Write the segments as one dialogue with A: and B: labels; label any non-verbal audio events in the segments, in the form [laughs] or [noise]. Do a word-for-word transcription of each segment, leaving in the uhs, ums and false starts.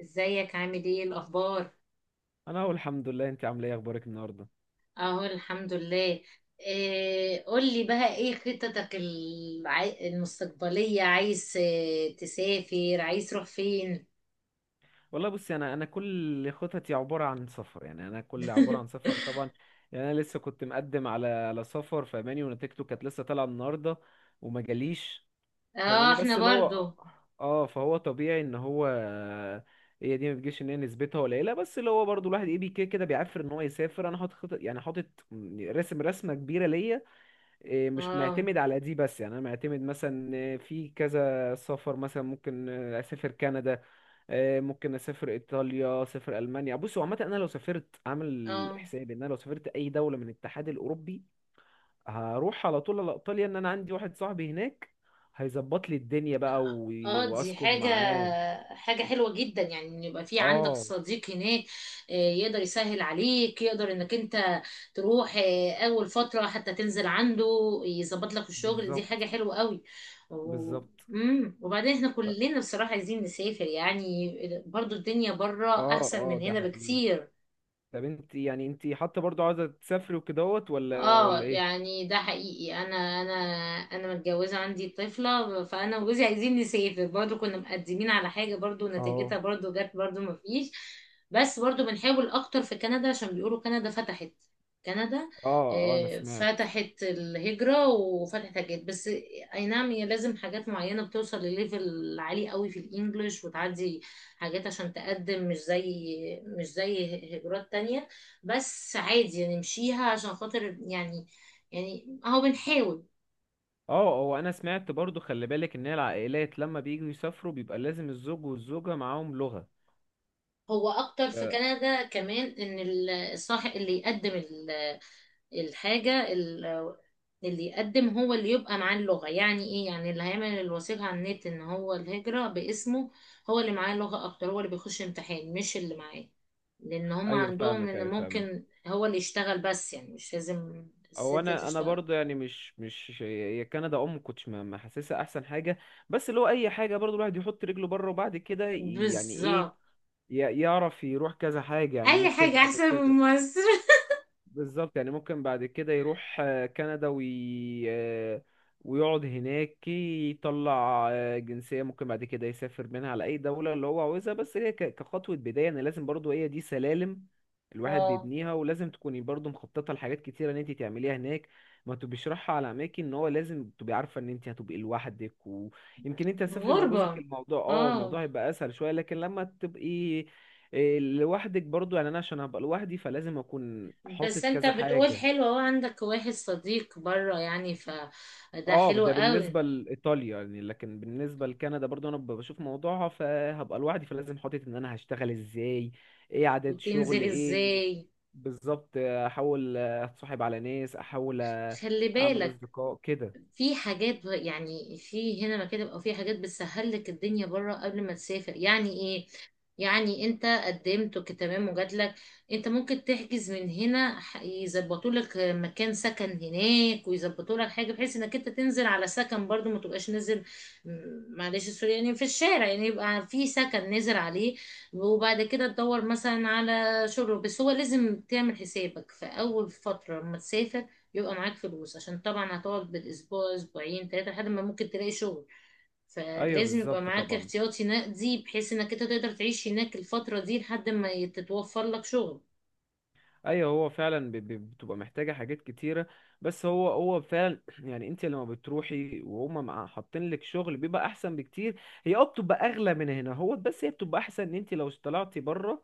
A: ازيك؟ عامل ايه؟ الاخبار؟
B: انا اقول الحمد لله. انت عامله ايه، اخبارك النهارده؟
A: اهو الحمد لله. إيه، قولي بقى، ايه خططك الع... المستقبلية؟ عايز آه، تسافر؟ عايز تروح فين؟
B: والله بصي، انا انا كل خططي عباره عن سفر، يعني انا كل عباره عن
A: [laughs]
B: سفر طبعا. يعني انا لسه كنت مقدم على على سفر فماني، ونتيجته كانت لسه طالعه النهارده وما جاليش
A: اه،
B: فماني.
A: احنا
B: بس اللي هو
A: برضو.
B: اه فهو طبيعي ان هو، هي دي ما بتجيش، ان هي نسبتها قليله. بس اللي هو برضو الواحد ايه بي كده كده بيعفر ان هو يسافر. انا حاطط خطط، يعني حاطط رسم رسمه كبيره ليا. إيه، مش
A: اه
B: معتمد على دي بس، يعني انا معتمد مثلا، إيه، في كذا سفر، مثلا ممكن آه، اسافر كندا، آه، ممكن اسافر ايطاليا، اسافر المانيا. بصوا عامه انا لو سافرت عامل
A: اه
B: حسابي ان انا لو سافرت اي دوله من الاتحاد الاوروبي، هروح على طول على ايطاليا. ان انا عندي واحد صاحبي هناك هيظبط لي الدنيا بقى، و-
A: اه دي
B: واسكن
A: حاجة
B: معاه.
A: حاجة حلوة جدا، يعني ان يبقى في عندك
B: اه،
A: صديق هناك. آه، يقدر يسهل عليك، يقدر انك انت تروح آه، اول فترة حتى، تنزل عنده، يظبط لك الشغل. دي
B: بالظبط.
A: حاجة حلوة قوي. و...
B: بالظبط.
A: مم. وبعدين احنا
B: ف-
A: كلنا بصراحة عايزين نسافر يعني. برضو الدنيا بره
B: اه،
A: احسن
B: اه،
A: من
B: ده
A: هنا
B: حقيقي.
A: بكتير.
B: طب انت يعني، انت حتى برضو عاوزه تسافري وكدهوت، ولا
A: اه،
B: ولا ايه؟
A: يعني ده حقيقي. انا انا انا متجوزه، عندي طفله، فانا وجوزي عايزين نسافر برضو. كنا مقدمين على حاجه برضو،
B: اه،
A: نتيجتها برضو جت برضو مفيش. بس برضو بنحاول اكتر في كندا، عشان بيقولوا كندا فتحت. كندا
B: اه، اه، انا
A: آه،
B: سمعت.
A: فتحت الهجره وفتحت حاجات. بس اي نعم، هي لازم حاجات معينه، بتوصل لليفل عالي قوي في الانجليش، وتعدي حاجات عشان تقدم. مش زي، مش زي هجرات تانية. بس عادي يعني، نمشيها عشان خاطر يعني. يعني اهو بنحاول.
B: اه، هو انا سمعت برضو، خلي بالك ان هي العائلات لما بييجوا يسافروا بيبقى لازم الزوج والزوجة معاهم لغة.
A: هو اكتر في
B: آه،
A: كندا كمان، ان ال- الصاحب اللي يقدم ال- الحاجة ال- اللي يقدم، هو اللي يبقى معاه اللغة، يعني ايه، يعني اللي هيعمل الوثيقة على النت، ان هو الهجرة باسمه، هو اللي معاه اللغة اكتر، هو اللي بيخش امتحان، مش اللي معاه. لان هم
B: ايوه
A: عندهم
B: فاهمك،
A: ان
B: ايوه فاهمك.
A: ممكن هو اللي يشتغل بس، يعني مش لازم
B: او
A: الست
B: انا انا
A: تشتغل.
B: برضو، يعني مش مش هي كندا ام كنتش، ما ما حاسسها احسن حاجة. بس لو اي حاجة برضو الواحد يحط رجله بره وبعد كده، ي- يعني ايه،
A: بالظبط.
B: ي- يعرف يروح كذا حاجة يعني
A: اي
B: ممكن
A: حاجة
B: بعد
A: احسن
B: كده.
A: من مصر.
B: بالظبط، يعني ممكن بعد كده يروح آه، كندا وي... آه، ويقعد هناك، يطلع آه، جنسية، ممكن بعد كده يسافر منها على أي دولة اللي هو عاوزها. بس هي ك- كخطوة بداية، يعني لازم برضو هي دي سلالم الواحد
A: اه،
B: بيبنيها. ولازم تكوني برضو مخططة لحاجات كتيرة إن أنت تعمليها هناك، ما تبقيش رايحة على أماكن إن هو لازم تبقي عارفة إن أنت هتبقي لوحدك. ويمكن أنت هتسافري مع جوزك،
A: الغربة.
B: الموضوع، أه
A: اه.
B: الموضوع هيبقى أسهل شوية، لكن لما تبقي إيه، لوحدك برضو، يعني انا عشان هبقى لوحدي فلازم اكون
A: بس
B: حاطط
A: انت
B: كذا
A: بتقول
B: حاجة.
A: حلو، اهو عندك واحد صديق بره، يعني فده
B: اه،
A: حلو
B: ده
A: قوي.
B: بالنسبة لإيطاليا يعني، لكن بالنسبة لكندا برضو انا ب- بشوف موضوعها، فهبقى لوحدي فلازم حاطط ان انا هشتغل ازاي، ايه عدد شغل
A: وتنزل
B: ايه.
A: ازاي؟
B: بالظبط، احاول اتصاحب على ناس، احاول
A: خلي
B: اعمل
A: بالك،
B: اصدقاء كده.
A: في حاجات ب- يعني، في هنا مكاتب، او في حاجات بتسهل لك الدنيا بره قبل ما تسافر، يعني ايه. يعني انت قدمت تمام وجاتلك، انت ممكن تحجز من هنا، يظبطوا لك مكان سكن هناك، ويظبطوا لك حاجه بحيث انك انت تنزل على سكن برضو، ما تبقاش نازل م- معلش، السوري، يعني في الشارع. يعني يبقى في سكن نازل عليه، وبعد كده تدور مثلا على شغل. بس هو لازم تعمل حسابك في اول فتره لما تسافر، يبقى معاك فلوس، عشان طبعا هتقعد بالاسبوع اسبوعين ثلاثه لحد ما ممكن تلاقي شغل.
B: ايوه
A: فلازم يبقى
B: بالظبط،
A: معاك
B: طبعا.
A: احتياطي نقدي، بحيث انك انت تقدر تعيش هناك الفترة دي لحد ما تتوفر لك شغل.
B: ايوه، هو فعلا ب- ب- بتبقى محتاجه حاجات كتيره. بس هو هو فعلا [clears throat] يعني انت لما بتروحي وهم مع- حاطين لك شغل بيبقى احسن بكتير. هي اه بتبقى اغلى من هنا هو، بس هي بتبقى احسن ان انت لو طلعتي بره.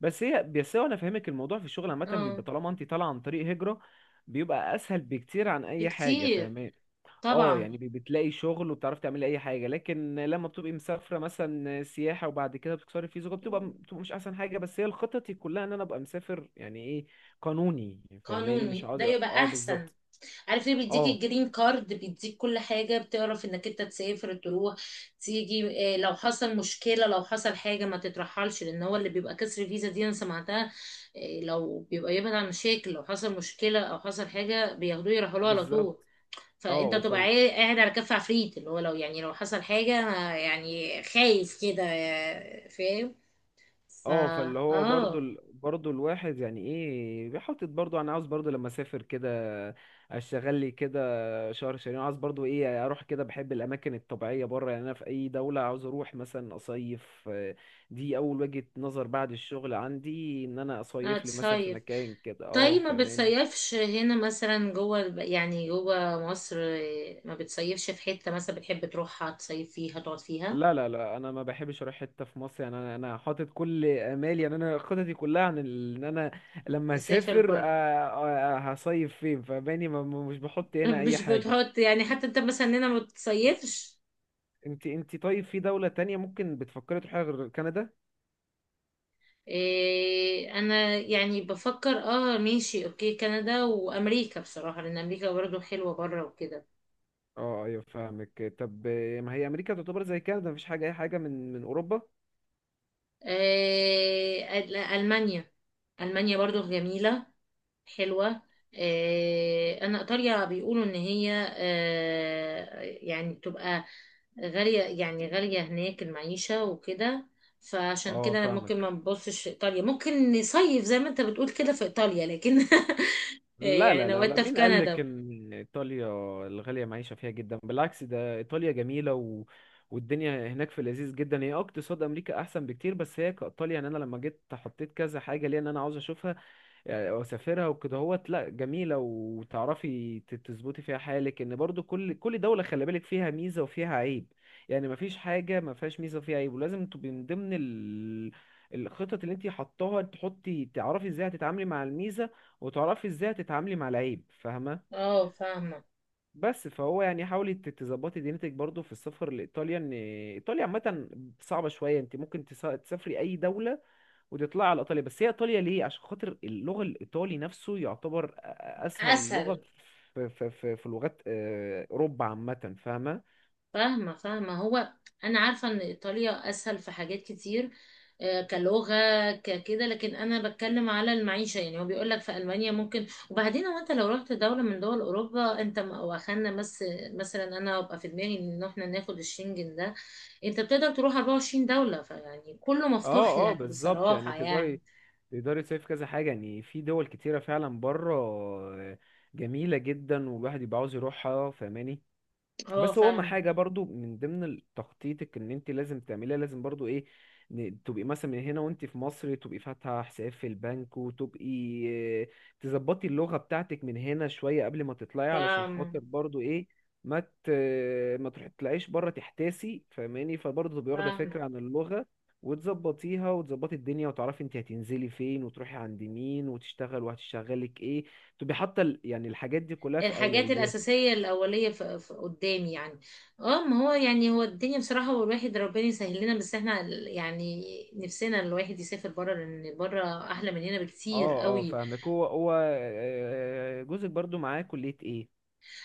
B: بس هي بس هو انا فاهمك، الموضوع في الشغل عامه
A: اه،
B: بيبقى طالما انت طالعه عن طريق هجره بيبقى اسهل بكتير عن اي حاجه،
A: بكتير
B: فاهمه. اه،
A: طبعا.
B: يعني بي- بتلاقي شغل وبتعرفي تعملي اي حاجه. لكن لما بتبقي مسافره مثلا سياحه وبعد كده بتكسري فيزا، بتبقى بتبقى مش احسن حاجه. بس هي الخطط كلها ان انا ابقى مسافر يعني ايه، قانوني. فاهماني، مش
A: قانوني،
B: عاوز،
A: ده يبقى
B: اه
A: احسن.
B: بالظبط.
A: عارف ليه؟ بيديك
B: اه
A: الجرين كارد، بيديك كل حاجة، بتعرف انك انت تسافر، تروح، تيجي. آه، لو حصل مشكلة، لو حصل حاجة، ما تترحلش. لان هو اللي بيبقى كسر فيزا دي، انا سمعتها. آه، لو بيبقى، يبعد عن مشاكل. لو حصل مشكلة او حصل حاجة، بياخدوه يرحلوه على طول.
B: بالظبط،
A: فانت
B: اه،
A: بتبقى عاي- قاعد على كف عفريت، اللي هو لو، يعني لو حصل حاجة، انا يعني خايف كده، آه، فاهم؟ فا
B: اه. فاللي هو برضو
A: اه،
B: ال... برضو الواحد يعني ايه بيحطط. برضو انا عاوز برضو لما اسافر كده اشتغل لي كده شهر شهرين، عاوز برضو ايه اروح كده، بحب الاماكن الطبيعيه بره يعني، انا في اي دوله عاوز اروح مثلا اصيف. آه، دي اول وجهه نظر، بعد الشغل عندي ان انا اصيف لي مثلا في
A: هتصيف.
B: مكان كده، اه
A: طيب، ما
B: فاهماني.
A: بتصيفش هنا مثلا، جوه الب- يعني جوه مصر، آه، ما بتصيفش في حتة مثلا بتحب تروحها، تصيف فيها تقعد فيها؟
B: لا، لا، لا، انا ما بحبش اروح حته في مصر يعني، انا انا حاطط كل امالي، يعني انا خططي كلها عن ال- ان انا لما
A: تسافر
B: اسافر آه،
A: بره؟
B: آه، هصيف فين فباني. ما ما- مش بحط
A: [laughs]
B: هنا اي
A: مش
B: حاجه.
A: بتحط، يعني حتى انت مثلا هنا ما بتصيفش.
B: انت، انت طيب، في دوله تانية ممكن بتفكري تروحيها غير كندا؟
A: إيه، انا يعني بفكر اه، ماشي اوكي، كندا وامريكا بصراحة، لان امريكا برضو حلوة بره وكده.
B: اه، ايوه فاهمك. طب آه، ما هي امريكا تعتبر زي كندا، مفيش حاجه اي حاجه من من اوروبا.
A: إيه، أل- المانيا. المانيا برضو جميلة، حلوة. إيه، انا ايطاليا بيقولوا ان هي آه، يعني تبقى غالية، يعني غالية هناك المعيشة وكده. فعشان
B: اه
A: كده أنا ممكن
B: فاهمك،
A: ما نبصش في ايطاليا، ممكن نصيف زي ما انت بتقول كده في ايطاليا لكن. [laughs]
B: لا،
A: يعني
B: لا،
A: لو
B: لا، لا،
A: انت في
B: مين قال لك
A: كندا.
B: ان ايطاليا الغاليه معيشه فيها جدا؟ بالعكس ده ايطاليا جميله و... والدنيا هناك في لذيذ جدا. هي اه اقتصاد امريكا احسن بكتير، بس هي كايطاليا، يعني انا لما جيت حطيت كذا حاجه ليا ان انا عاوز اشوفها، يعني واسافرها وكده هوت. لا، جميله وتعرفي ت- تظبطي فيها حالك. ان برضو كل كل دوله خلي بالك فيها ميزه وفيها عيب، يعني مفيش حاجه ما فيهاش ميزه وفيها عيب. ولازم تبقي من ضمن ال... الخطط اللي انت حطاها، تحطي تعرفي ازاي هتتعاملي مع الميزه، وتعرفي ازاي هتتعاملي مع العيب، فاهمه.
A: اه، فاهمة.
B: بس فهو يعني حاولي ت- تظبطي دينتك برضو في السفر لايطاليا، ان ايطاليا عامه صعبه شويه. انت ممكن تسا- تسافري اي دوله وتطلع على ايطاليا، بس هي ايطاليا ليه؟ عشان خاطر اللغه، الايطالي نفسه يعتبر اسهل لغه
A: اسهل.
B: في في في, في لغات آه، اوروبا عامه، فاهمه.
A: فاهمة، فاهمة. هو انا عارفة ان ايطاليا اسهل في حاجات كتير، آه، كلغة ككده. لكن انا بتكلم على المعيشة. يعني هو بيقول لك في المانيا ممكن. وبعدين هو انت لو رحت دولة من دول اوروبا، انت م- واخدنا، بس مثلا انا هبقى في دماغي ان احنا ناخد الشنجن ده، انت بتقدر تروح أربعة وعشرين دولة، فيعني كله مفتوح
B: اه، اه،
A: لك
B: بالظبط، يعني
A: بصراحة يعني.
B: تقدري تقدري تصيف كذا حاجه، يعني في دول كتيره فعلا بره آه، جميله جدا، والواحد يبقى عاوز يروحها، فاهماني.
A: اه،
B: بس هو اهم
A: فاهمة.
B: حاجه برضو من ضمن تخطيطك ان انت لازم تعمليها، لازم برضو ايه، ن- تبقي مثلا من هنا وانت في مصر تبقي فاتحه حساب في البنك، وتبقي آه، تظبطي اللغه بتاعتك من هنا شويه قبل ما تطلعي، علشان
A: فاهمة،
B: خاطر برضو ايه ما ت... ما تروحي تطلعيش بره تحتاسي، فاهماني. فبرضو تبقي واخده
A: فاهمة.
B: فكره عن اللغه وتظبطيها، وتظبطي الدنيا، وتعرفي انت هتنزلي فين وتروحي عند مين وتشتغل وهتشتغلك ايه. تبقي حاطه ال- يعني الحاجات دي كلها في
A: الحاجات
B: اولويات.
A: الأساسية الأولية، في في قدامي يعني. اه ما هو يعني، هو الدنيا بصراحة، والواحد ربنا يسهل لنا. بس احنا ال- يعني نفسنا الواحد يسافر بره، لأن بره أحلى من هنا بكتير
B: اه، اه
A: قوي.
B: فاهمك. هو هو آه، جوزك برضو معاه كلية ايه؟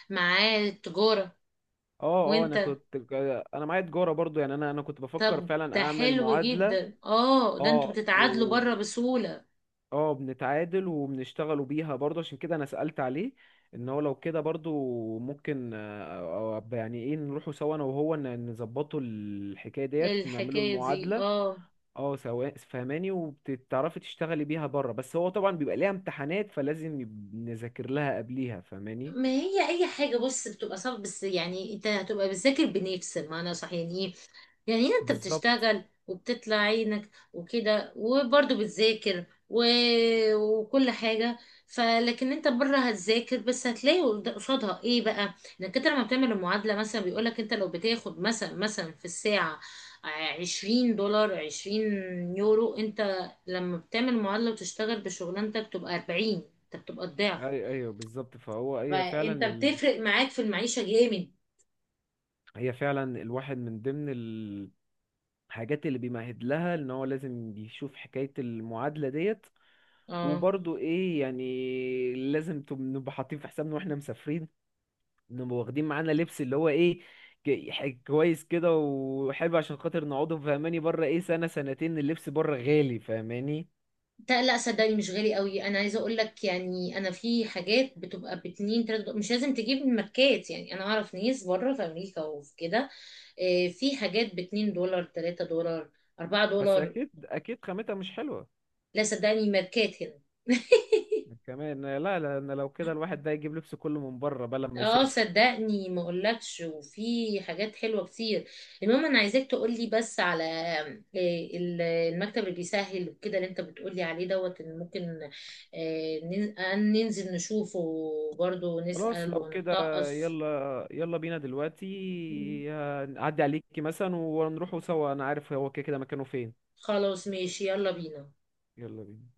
A: معاه التجارة.
B: اه، اه، انا
A: وانت؟
B: كنت، انا معايا تجارة برضو، يعني انا انا كنت بفكر
A: طب
B: فعلا
A: ده
B: اعمل
A: حلو
B: معادلة.
A: جدا. اه، ده انتوا
B: اه
A: بتتعادلوا
B: و
A: بره بسهولة.
B: اه بنتعادل وبنشتغلوا بيها برضو، عشان كده انا سألت عليه ان هو لو كده برضو ممكن آه، آه، يعني ايه نروحوا سوا انا وهو ن- نظبطوا الحكاية ديت، نعملوا
A: الحكاية دي،
B: المعادلة.
A: اه.
B: اه سواء، فهماني، وبتعرفي تشتغلي بيها بره. بس هو طبعا بيبقى ليها امتحانات، فلازم يب- نذاكر لها قبليها، فهماني.
A: ما هي اي حاجة بص، بتبقى صعبة، بس يعني انت هتبقى بتذاكر بنفس المعنى، صح؟ يعني ايه؟ يعني انت
B: بالظبط،
A: بتشتغل وبتطلع عينك وكده وبرضه بتذاكر و... وكل حاجة. فلكن انت بره هتذاكر، بس هتلاقي قد- قصادها ايه بقى، انك انت لما بتعمل المعادلة، مثلا بيقولك انت لو بتاخد مثلا، مثلا في الساعة عشرين دولار، عشرين يورو، انت لما بتعمل معادلة وتشتغل بشغلانتك تبقى أربعين، انت بتبقى الضعف.
B: اي ايوه بالظبط. فهو هي
A: فانت
B: فعلا ال...
A: بتفرق معاك في المعيشة جامد.
B: هي فعلا الواحد من ضمن الحاجات اللي بيمهد لها ان هو لازم يشوف حكاية المعادلة ديت.
A: اه.
B: وبرضه ايه يعني لازم تب- نبقى حاطين في حسابنا واحنا مسافرين، نبقى واخدين معانا لبس اللي هو ايه، ك- ح- كويس كده وحلو، عشان خاطر نقعده فهماني بره ايه سنة سنتين. اللبس بره غالي، فهماني.
A: تا- لا صدقني، مش غالي قوي. انا عايزه اقول لك يعني، انا في حاجات بتبقى باتنين تلاتة دولار. مش لازم تجيب من ماركات. يعني انا اعرف ناس بره في امريكا وفي كده، آه، في حاجات باتنين دولار، تلاتة دولار، اربعة
B: بس
A: دولار
B: اكيد، اكيد، خامتها مش حلوة
A: لا صدقني، ماركات هنا. [laughs]
B: كمان. لا، لا، انا لو كده الواحد ده يجيب لبس كله من بره بقى لما
A: اه
B: يسافر.
A: صدقني ما اقولكش، وفي حاجات حلوه كتير. المهم انا عايزاك تقولي بس على آه، ال- المكتب اللي بيسهل وكده، اللي انت بتقولي عليه دوت، ان ممكن آه، نن- آه، ننزل نشوفه برضو،
B: خلاص
A: نسأل
B: لو كده،
A: ونتطقص.
B: يلا يلا بينا دلوقتي، هنعدي عليكي مثلا ونروحوا سوا، انا عارف هو كده كده مكانه فين.
A: خلاص، ماشي، يلا بينا.
B: يلا بينا.